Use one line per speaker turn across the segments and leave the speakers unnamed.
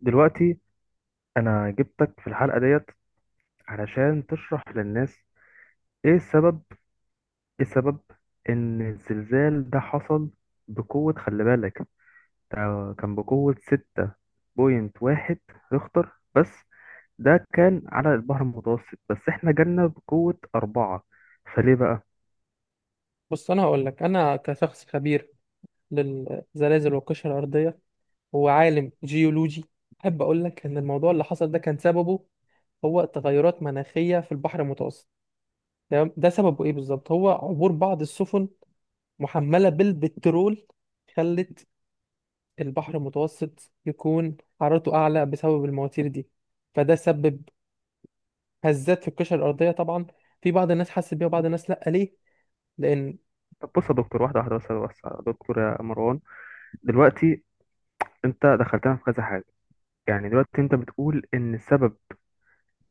دلوقتي انا جبتك في الحلقة ديت علشان تشرح للناس ايه السبب ايه السبب ان الزلزال ده حصل بقوة. خلي بالك ده كان بقوة 6.1 ريختر بس. ده كان على البحر المتوسط بس احنا جالنا بقوة 4، فليه بقى؟
بص، انا هقول لك. انا كشخص خبير للزلازل والقشره الارضيه، وعالم جيولوجي، احب اقول لك ان الموضوع اللي حصل ده كان سببه هو تغيرات مناخيه في البحر المتوسط. تمام. ده سببه ايه بالظبط؟ هو عبور بعض السفن محمله بالبترول، خلت البحر المتوسط يكون حرارته اعلى بسبب المواتير دي. فده سبب هزات في القشره الارضيه طبعا. في بعض الناس حست بيها وبعض الناس لا، ليه؟ لان
طب بص يا دكتور، واحدة واحدة، بس يا دكتور يا مروان. دلوقتي انت دخلتنا في كذا حاجة. يعني دلوقتي انت بتقول ان السبب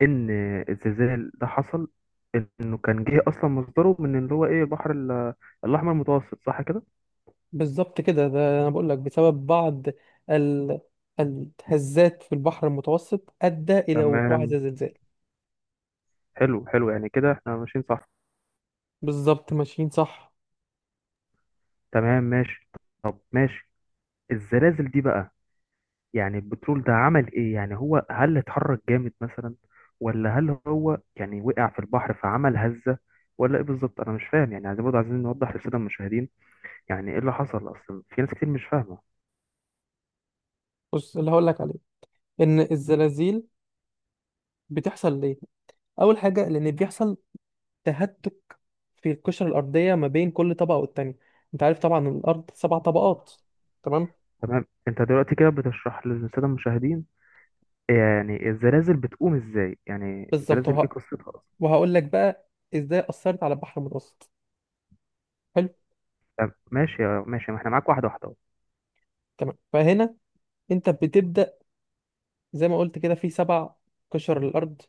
ان الزلزال ده حصل، انه كان جه اصلا مصدره من اللي هو ايه، البحر الاحمر المتوسط، صح كده؟
بالظبط كده. ده انا بقول لك بسبب بعض ال... الهزات في البحر المتوسط ادى الى وقوع هذا
تمام،
الزلزال.
حلو حلو، يعني كده احنا ماشيين صح.
بالظبط ماشيين صح.
تمام ماشي، طب ماشي. الزلازل دي بقى، يعني البترول ده عمل ايه؟ يعني هو هل اتحرك جامد مثلا، ولا هل هو يعني وقع في البحر فعمل هزة، ولا ايه بالظبط؟ انا مش فاهم يعني. عايزين برضه عايزين نوضح للساده المشاهدين يعني ايه اللي حصل اصلا، في ناس كتير مش فاهمه.
بص، اللي هقول لك عليه ان الزلازل بتحصل ليه. اول حاجه، لان بيحصل تهتك في القشره الارضيه ما بين كل طبقه والتانيه. انت عارف طبعا الارض سبع طبقات. تمام.
تمام، انت دلوقتي كده بتشرح للساده المشاهدين يعني الزلازل بتقوم ازاي، يعني
بالظبط.
الزلازل ايه قصتها اصلا.
وهقول لك بقى ازاي اثرت على البحر المتوسط. حلو.
طب ماشي ماشي، ما احنا معاك واحده واحده أهو.
تمام. فهنا انت بتبدا زي ما قلت كده في سبع قشر الارض،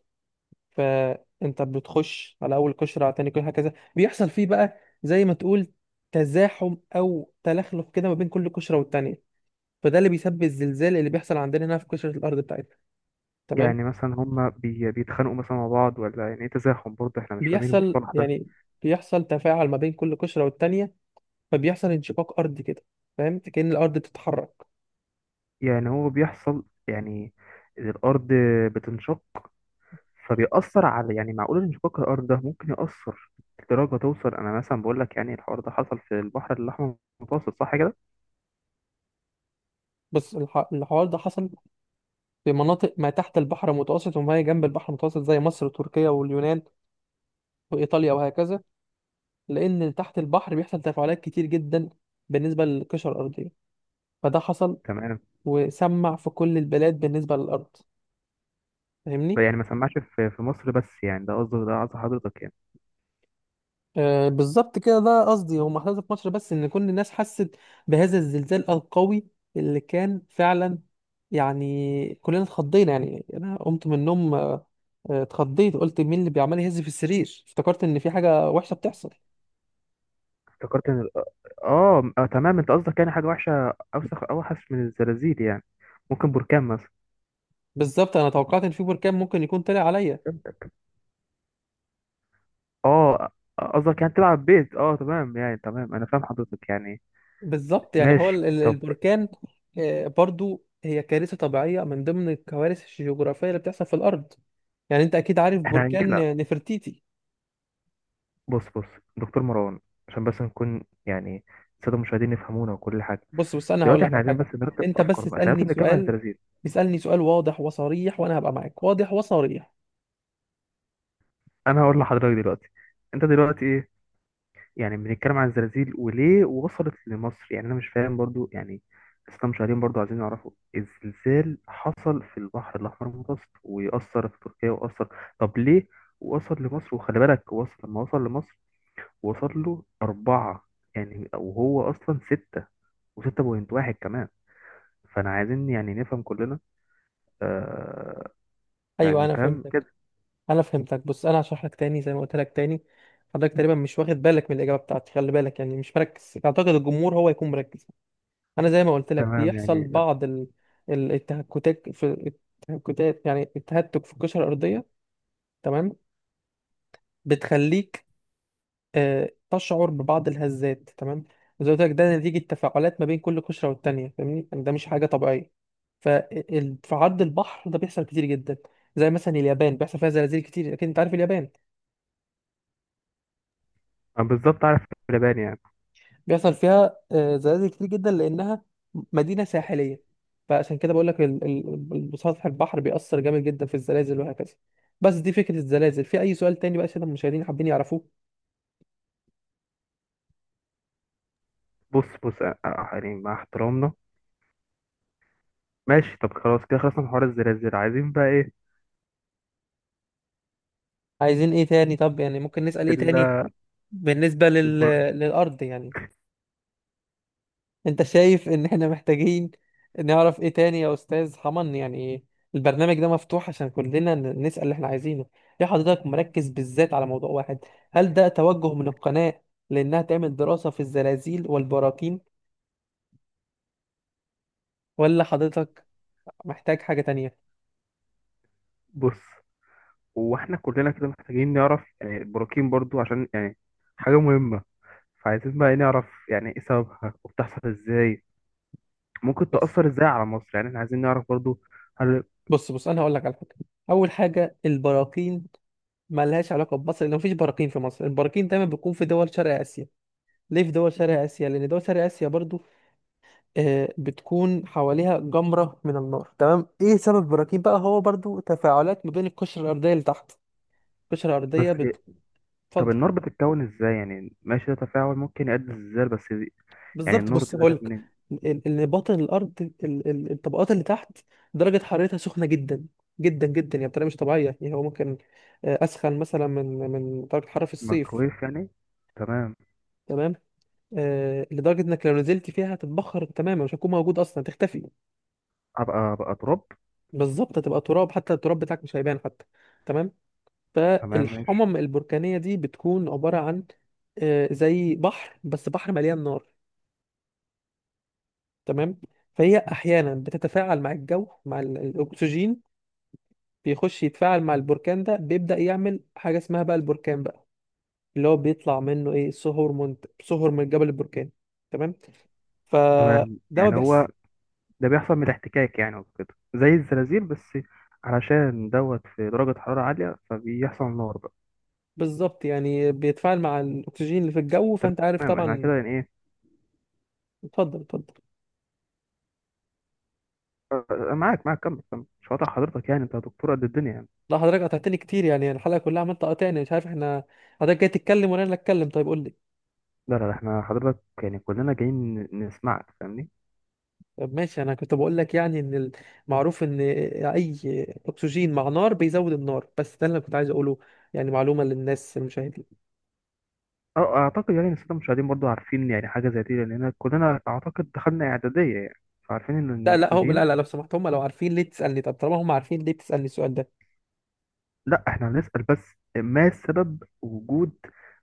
فانت بتخش على اول قشره على تاني قشره، هكذا. بيحصل فيه بقى زي ما تقول تزاحم او تلخلف كده ما بين كل قشره والتانيه. فده اللي بيسبب الزلزال اللي بيحصل عندنا هنا في قشره الارض بتاعتنا. تمام.
يعني مثلا هما بيتخانقوا مثلا مع بعض، ولا يعني ايه تزاحم؟ برضه احنا مش فاهمين المصطلح ده.
يعني بيحصل تفاعل ما بين كل قشره والتانيه، فبيحصل انشقاق ارضي كده، فاهم؟ كأن الارض بتتحرك.
يعني هو بيحصل يعني إن الارض بتنشق فبيأثر على، يعني معقول انشقاق الارض ده ممكن يأثر لدرجه توصل؟ انا مثلا بقول لك يعني الحوار ده حصل في البحر الاحمر المتوسط، صح كده؟
بص، الحوار ده حصل في مناطق ما تحت البحر المتوسط وما هي جنب البحر المتوسط، زي مصر وتركيا واليونان وايطاليا وهكذا. لأن تحت البحر بيحصل تفاعلات كتير جدا بالنسبة للقشرة الأرضية. فده حصل
تمام.
وسمع في كل البلاد بالنسبة للأرض. فاهمني؟
يعني ما سمعش في مصر بس، يعني ده قصدي حضرتك يعني.
آه، بالظبط كده. ده قصدي هو محصل في مصر بس إن كل الناس حست بهذا الزلزال القوي اللي كان فعلا. يعني كلنا اتخضينا، يعني أنا قمت من النوم، اتخضيت، قلت مين اللي بيعمل يهز في السرير، افتكرت إن في حاجة وحشة بتحصل.
افتكرت ان تمام، انت قصدك يعني حاجه وحشه اوسخ اوحش من الزلازل يعني، ممكن بركان مثلا.
بالظبط. أنا توقعت إن في بركان ممكن يكون طلع عليا.
فهمتك. اه قصدك يعني تلعب بيت، اه تمام يعني، تمام انا فاهم حضرتك يعني.
بالظبط، يعني هو
ماشي طب.
البركان. آه، برضو هي كارثة طبيعية من ضمن الكوارث الجغرافية اللي بتحصل في الأرض. يعني أنت أكيد عارف
احنا هنجيلها.
بركان نفرتيتي.
بص بص دكتور مروان، عشان بس نكون يعني الساده المشاهدين يفهمونا وكل حاجه.
بص بص، أنا هقول
دلوقتي
لك
احنا
على
عايزين بس
حاجة.
نرتب
أنت بس
افكارنا، احنا
اسألني
لازم نتكلم عن
سؤال.
الزلازل.
اسألني سؤال واضح وصريح وأنا هبقى معاك واضح وصريح.
انا هقول لحضرتك دلوقتي انت دلوقتي يعني بنتكلم عن الزلازل وليه وصلت لمصر، يعني انا مش فاهم برضو يعني. لسه مشاهدين برضو عايزين يعرفوا. الزلزال حصل في البحر الاحمر المتوسط ويأثر في تركيا وأثر. طب ليه وصل لمصر؟ وخلي بالك وصل، لما وصل لمصر وصل له 4، يعني وهو أصلا 6، وستة بوينت واحد كمان. فأنا عايزين يعني نفهم كلنا. آه.
أيوه،
يعني
أنا
فاهم
فهمتك،
كده؟
أنا فهمتك. بص، أنا هشرح لك تاني، زي ما قلت لك تاني. حضرتك تقريبا مش واخد بالك من الإجابة بتاعتي. خلي بالك، يعني مش مركز. أعتقد الجمهور هو يكون مركز. انا زي ما قلت لك
تمام
بيحصل
يعني.
بعض التهكتات في التهكتات، يعني التهتك في القشره الارضيه. تمام. بتخليك تشعر ببعض الهزات. تمام. وزي ما قلت لك، ده نتيجه تفاعلات ما بين كل قشره والتانيه. فاهمني؟ يعني ده مش حاجه طبيعيه. ففي عرض البحر ده بيحصل كتير جدا. زي مثلا اليابان، بيحصل فيها زلازل كتير، اكيد انت عارف اليابان.
آه، بالظبط عارف. اللبان يعني.
بيحصل فيها زلازل كتير جدا، لانها مدينه ساحليه. فعشان كده بقول لك سطح البحر بيأثر جامد جدا في الزلازل وهكذا. بس دي فكره الزلازل. في اي سؤال تاني بقى عشان المشاهدين حابين يعرفوه؟
بص بص، آه، آه، يعني مع احترامنا. ماشي طب، خلاص كده خلصنا من حوار الزلازل. عايزين بقى ايه؟
عايزين ايه تاني؟ طب يعني ممكن نسأل ايه
ال-
تاني بالنسبه
البر-
للارض يعني. انت شايف ان احنا محتاجين نعرف ايه تاني يا استاذ حمن؟ يعني البرنامج ده مفتوح عشان كلنا نسأل اللي احنا عايزينه. ليه حضرتك مركز بالذات على موضوع واحد؟ هل ده توجه من القناة لانها تعمل دراسة في الزلازل والبراكين، ولا حضرتك محتاج حاجة تانية؟
بص، هو احنا كلنا كده محتاجين نعرف يعني البراكين برضو، عشان يعني حاجة مهمة. فعايزين بقى إيه نعرف يعني ايه سببها، وبتحصل ازاي، ممكن
بص
تأثر ازاي على مصر، يعني احنا عايزين نعرف برضو. هل
بص بص، انا هقول لك على حاجة. اول حاجة، البراكين ملهاش علاقة بمصر، لان مفيش براكين في مصر. البراكين دايما بيكون في دول شرق اسيا. ليه في دول شرق اسيا؟ لان دول شرق اسيا برضو بتكون حواليها جمرة من النار. تمام. ايه سبب البراكين بقى؟ هو برضو تفاعلات ما بين القشرة الأرضية اللي تحت القشرة الأرضية،
بس. طب
بتفضل.
النار بتتكون ازاي؟ يعني ماشي ده تفاعل ممكن يؤدي للزلزال، بس دي-. يعني
بالظبط،
النار
بص
دي بقى جت
هقولك،
منين؟
اللي باطن الأرض الطبقات اللي تحت، درجة حرارتها سخنة جدا جدا جدا. يعني بطريقة مش طبيعية. يعني هو ممكن أسخن مثلا من درجة حرارة في الصيف.
ميكرويف يعني. تمام.
تمام. لدرجة إنك لو نزلت فيها هتتبخر تماما، مش هتكون موجود أصلا، هتختفي.
ابقى ابقى تراب.
بالظبط، هتبقى تراب، حتى التراب بتاعك مش هيبان حتى. تمام.
تمام ماشي.
فالحمم البركانية دي بتكون عبارة عن زي بحر، بس بحر مليان نار. تمام. فهي أحيانا بتتفاعل مع الجو، مع الأكسجين. بيخش يتفاعل مع البركان ده، بيبدأ يعمل حاجة اسمها بقى البركان بقى. اللي هو بيطلع منه إيه؟ صهور من الجبل البركاني. تمام. فده
تمام
ما
يعني
بيحصل.
هو ده بيحصل من الاحتكاك يعني وكده، زي الزلازل بس، علشان دوت في درجة حرارة عالية فبيحصل نار بقى.
بالظبط، يعني بيتفاعل مع الأكسجين اللي في الجو. فأنت عارف
تمام، احنا
طبعا.
كده يعني ايه.
اتفضل، اتفضل.
أنا معاك معاك، كمل كمل، مش قاطع حضرتك يعني، انت دكتور قد الدنيا يعني.
لا، حضرتك قطعتني كتير، يعني الحلقة كلها عمال تقاطعني، مش عارف احنا حضرتك جاي تتكلم ولا انا اللي اتكلم؟ طيب قول لي.
لا لا لا، احنا حضرتك يعني كلنا جايين نسمعك، فاهمني.
طب ماشي. انا كنت بقول لك يعني ان المعروف ان اي اكسجين مع نار بيزود النار. بس ده اللي أنا كنت عايز اقوله، يعني معلومة للناس المشاهدين.
اه اعتقد يعني السادة المشاهدين برضو عارفين يعني حاجة زي دي، لان كلنا اعتقد دخلنا اعدادية يعني. فعارفين ان إن
لا لا، هو لا
الاكسجين.
لا، لو سمحت. هم لو عارفين ليه تسألني؟ طب طالما هم عارفين، ليه بتسألني السؤال ده؟
لا احنا هنسأل بس ما سبب وجود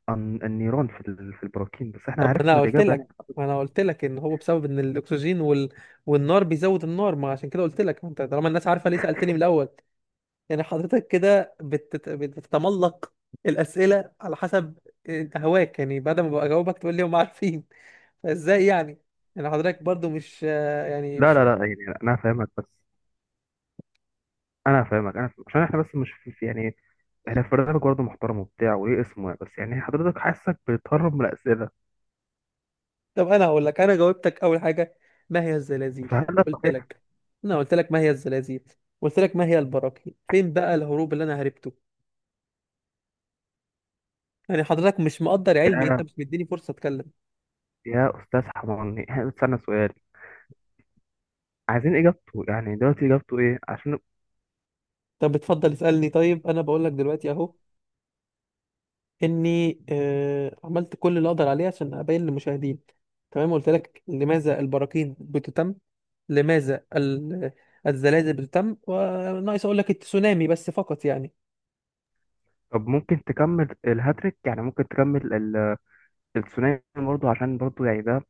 النيران في في البراكين، بس احنا
طب
عرفنا الإجابة يعني.
ما انا قلت لك ان هو بسبب ان الاكسجين والنار بيزود النار. ما عشان كده قلت لك، ما انت طالما الناس عارفة، ليه سألتني من الاول؟ يعني حضرتك كده بتتملق الأسئلة على حسب هواك. يعني بعد ما بجاوبك تقول لي هم عارفين، فازاي يعني؟ يعني حضرتك برضو مش، يعني
لا
مش
لا
فاهم.
لا يعني انا فاهمك بس. انا فاهمك. عشان احنا بس مش في يعني، احنا في برنامج برضه محترم وبتاع وليه اسمه يعني. بس يعني حضرتك حاسك بتهرب من الاسئله،
طب انا هقول لك، انا جاوبتك. اول حاجة ما هي الزلازل؟
فهل ده
قلت
صحيح؟
لك انا قلت لك ما هي الزلازل. قلت لك ما هي البراكين. فين بقى الهروب اللي انا هربته؟ يعني حضرتك مش مقدر علمي، انت
يا
مش مديني فرصة اتكلم.
يا استاذ حماني، احنا بنستنى سؤال عايزين اجابته، يعني دلوقتي اجابته ايه عشان.
طب اتفضل اسألني. طيب انا بقول لك دلوقتي اهو اني عملت كل اللي اقدر عليه عشان ابين للمشاهدين. تمام. قلت لك لماذا البراكين بتتم، لماذا الزلازل بتتم، وناقص اقول لك التسونامي بس فقط يعني.
طب ممكن تكمل الهاتريك؟ يعني ممكن تكمل الثنائي برضه عشان برضه يعني ده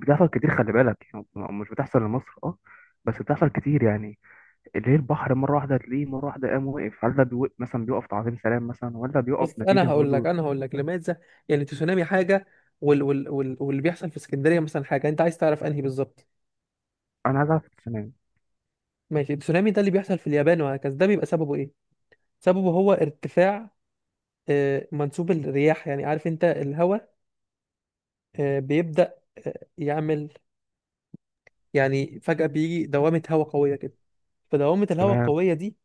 بتحصل كتير خلي بالك يعني. مش بتحصل لمصر، اه، بس بتحصل كتير يعني. اللي هي البحر مره واحده تلاقيه مره واحده قام وقف، هل ده بيوقف مثلا بيقف تعظيم سلام مثلا، ولا بيقف
بس
نتيجه برضو.
انا هقول لك لماذا. يعني التسونامي حاجه، واللي بيحصل في اسكندريه مثلا حاجه. انت عايز تعرف انهي بالظبط؟
انا عايز اعرف السنه.
ماشي. التسونامي ده اللي بيحصل في اليابان وهكذا، ده بيبقى سببه ايه؟ سببه هو ارتفاع منسوب الرياح. يعني عارف انت الهواء بيبدأ يعمل، يعني فجأة بيجي دوامة هواء قوية كده. فدوامة الهواء
تمام.
القوية دي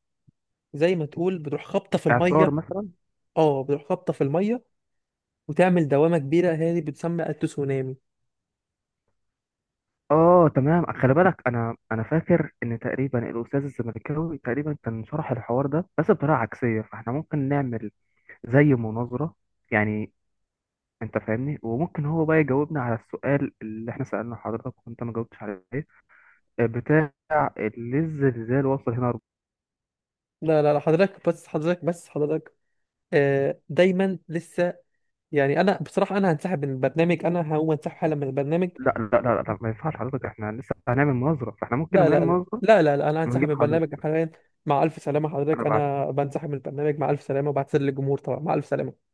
زي ما تقول بتروح خابطة في
اعصار
المية.
مثلا.
اه، بتروح خابطة في المية وتعمل دوامة كبيرة، هي دي بتسمى التسونامي.
اه تمام، خلي بالك انا فاكر ان تقريبا الاستاذ الزمالكاوي تقريبا كان شرح الحوار ده بس بطريقه عكسيه، فاحنا ممكن نعمل زي مناظره يعني. انت فاهمني، وممكن هو بقى يجاوبنا على السؤال اللي احنا سألنا حضرتك وانت ما جاوبتش عليه. بتاع ليه الزلزال وصل هنا.
لا لا لا، حضرتك بس، حضرتك بس، حضرتك. آه دايما لسه، يعني انا بصراحة، انا هنسحب من البرنامج. انا هقوم انسحب حالا من البرنامج.
لا لا لا لا ما ينفعش حضرتك، احنا لسه هنعمل مناظرة، فاحنا ممكن
لا
لما نعمل
لا لا
مناظرة
لا لا، لا، انا هنسحب من
نجيب
البرنامج
حضرتك.
حاليا. مع الف سلامة حضرتك،
انا بعد
انا بنسحب من البرنامج. مع الف سلامة، وبعتذر للجمهور طبعا. مع الف سلامة.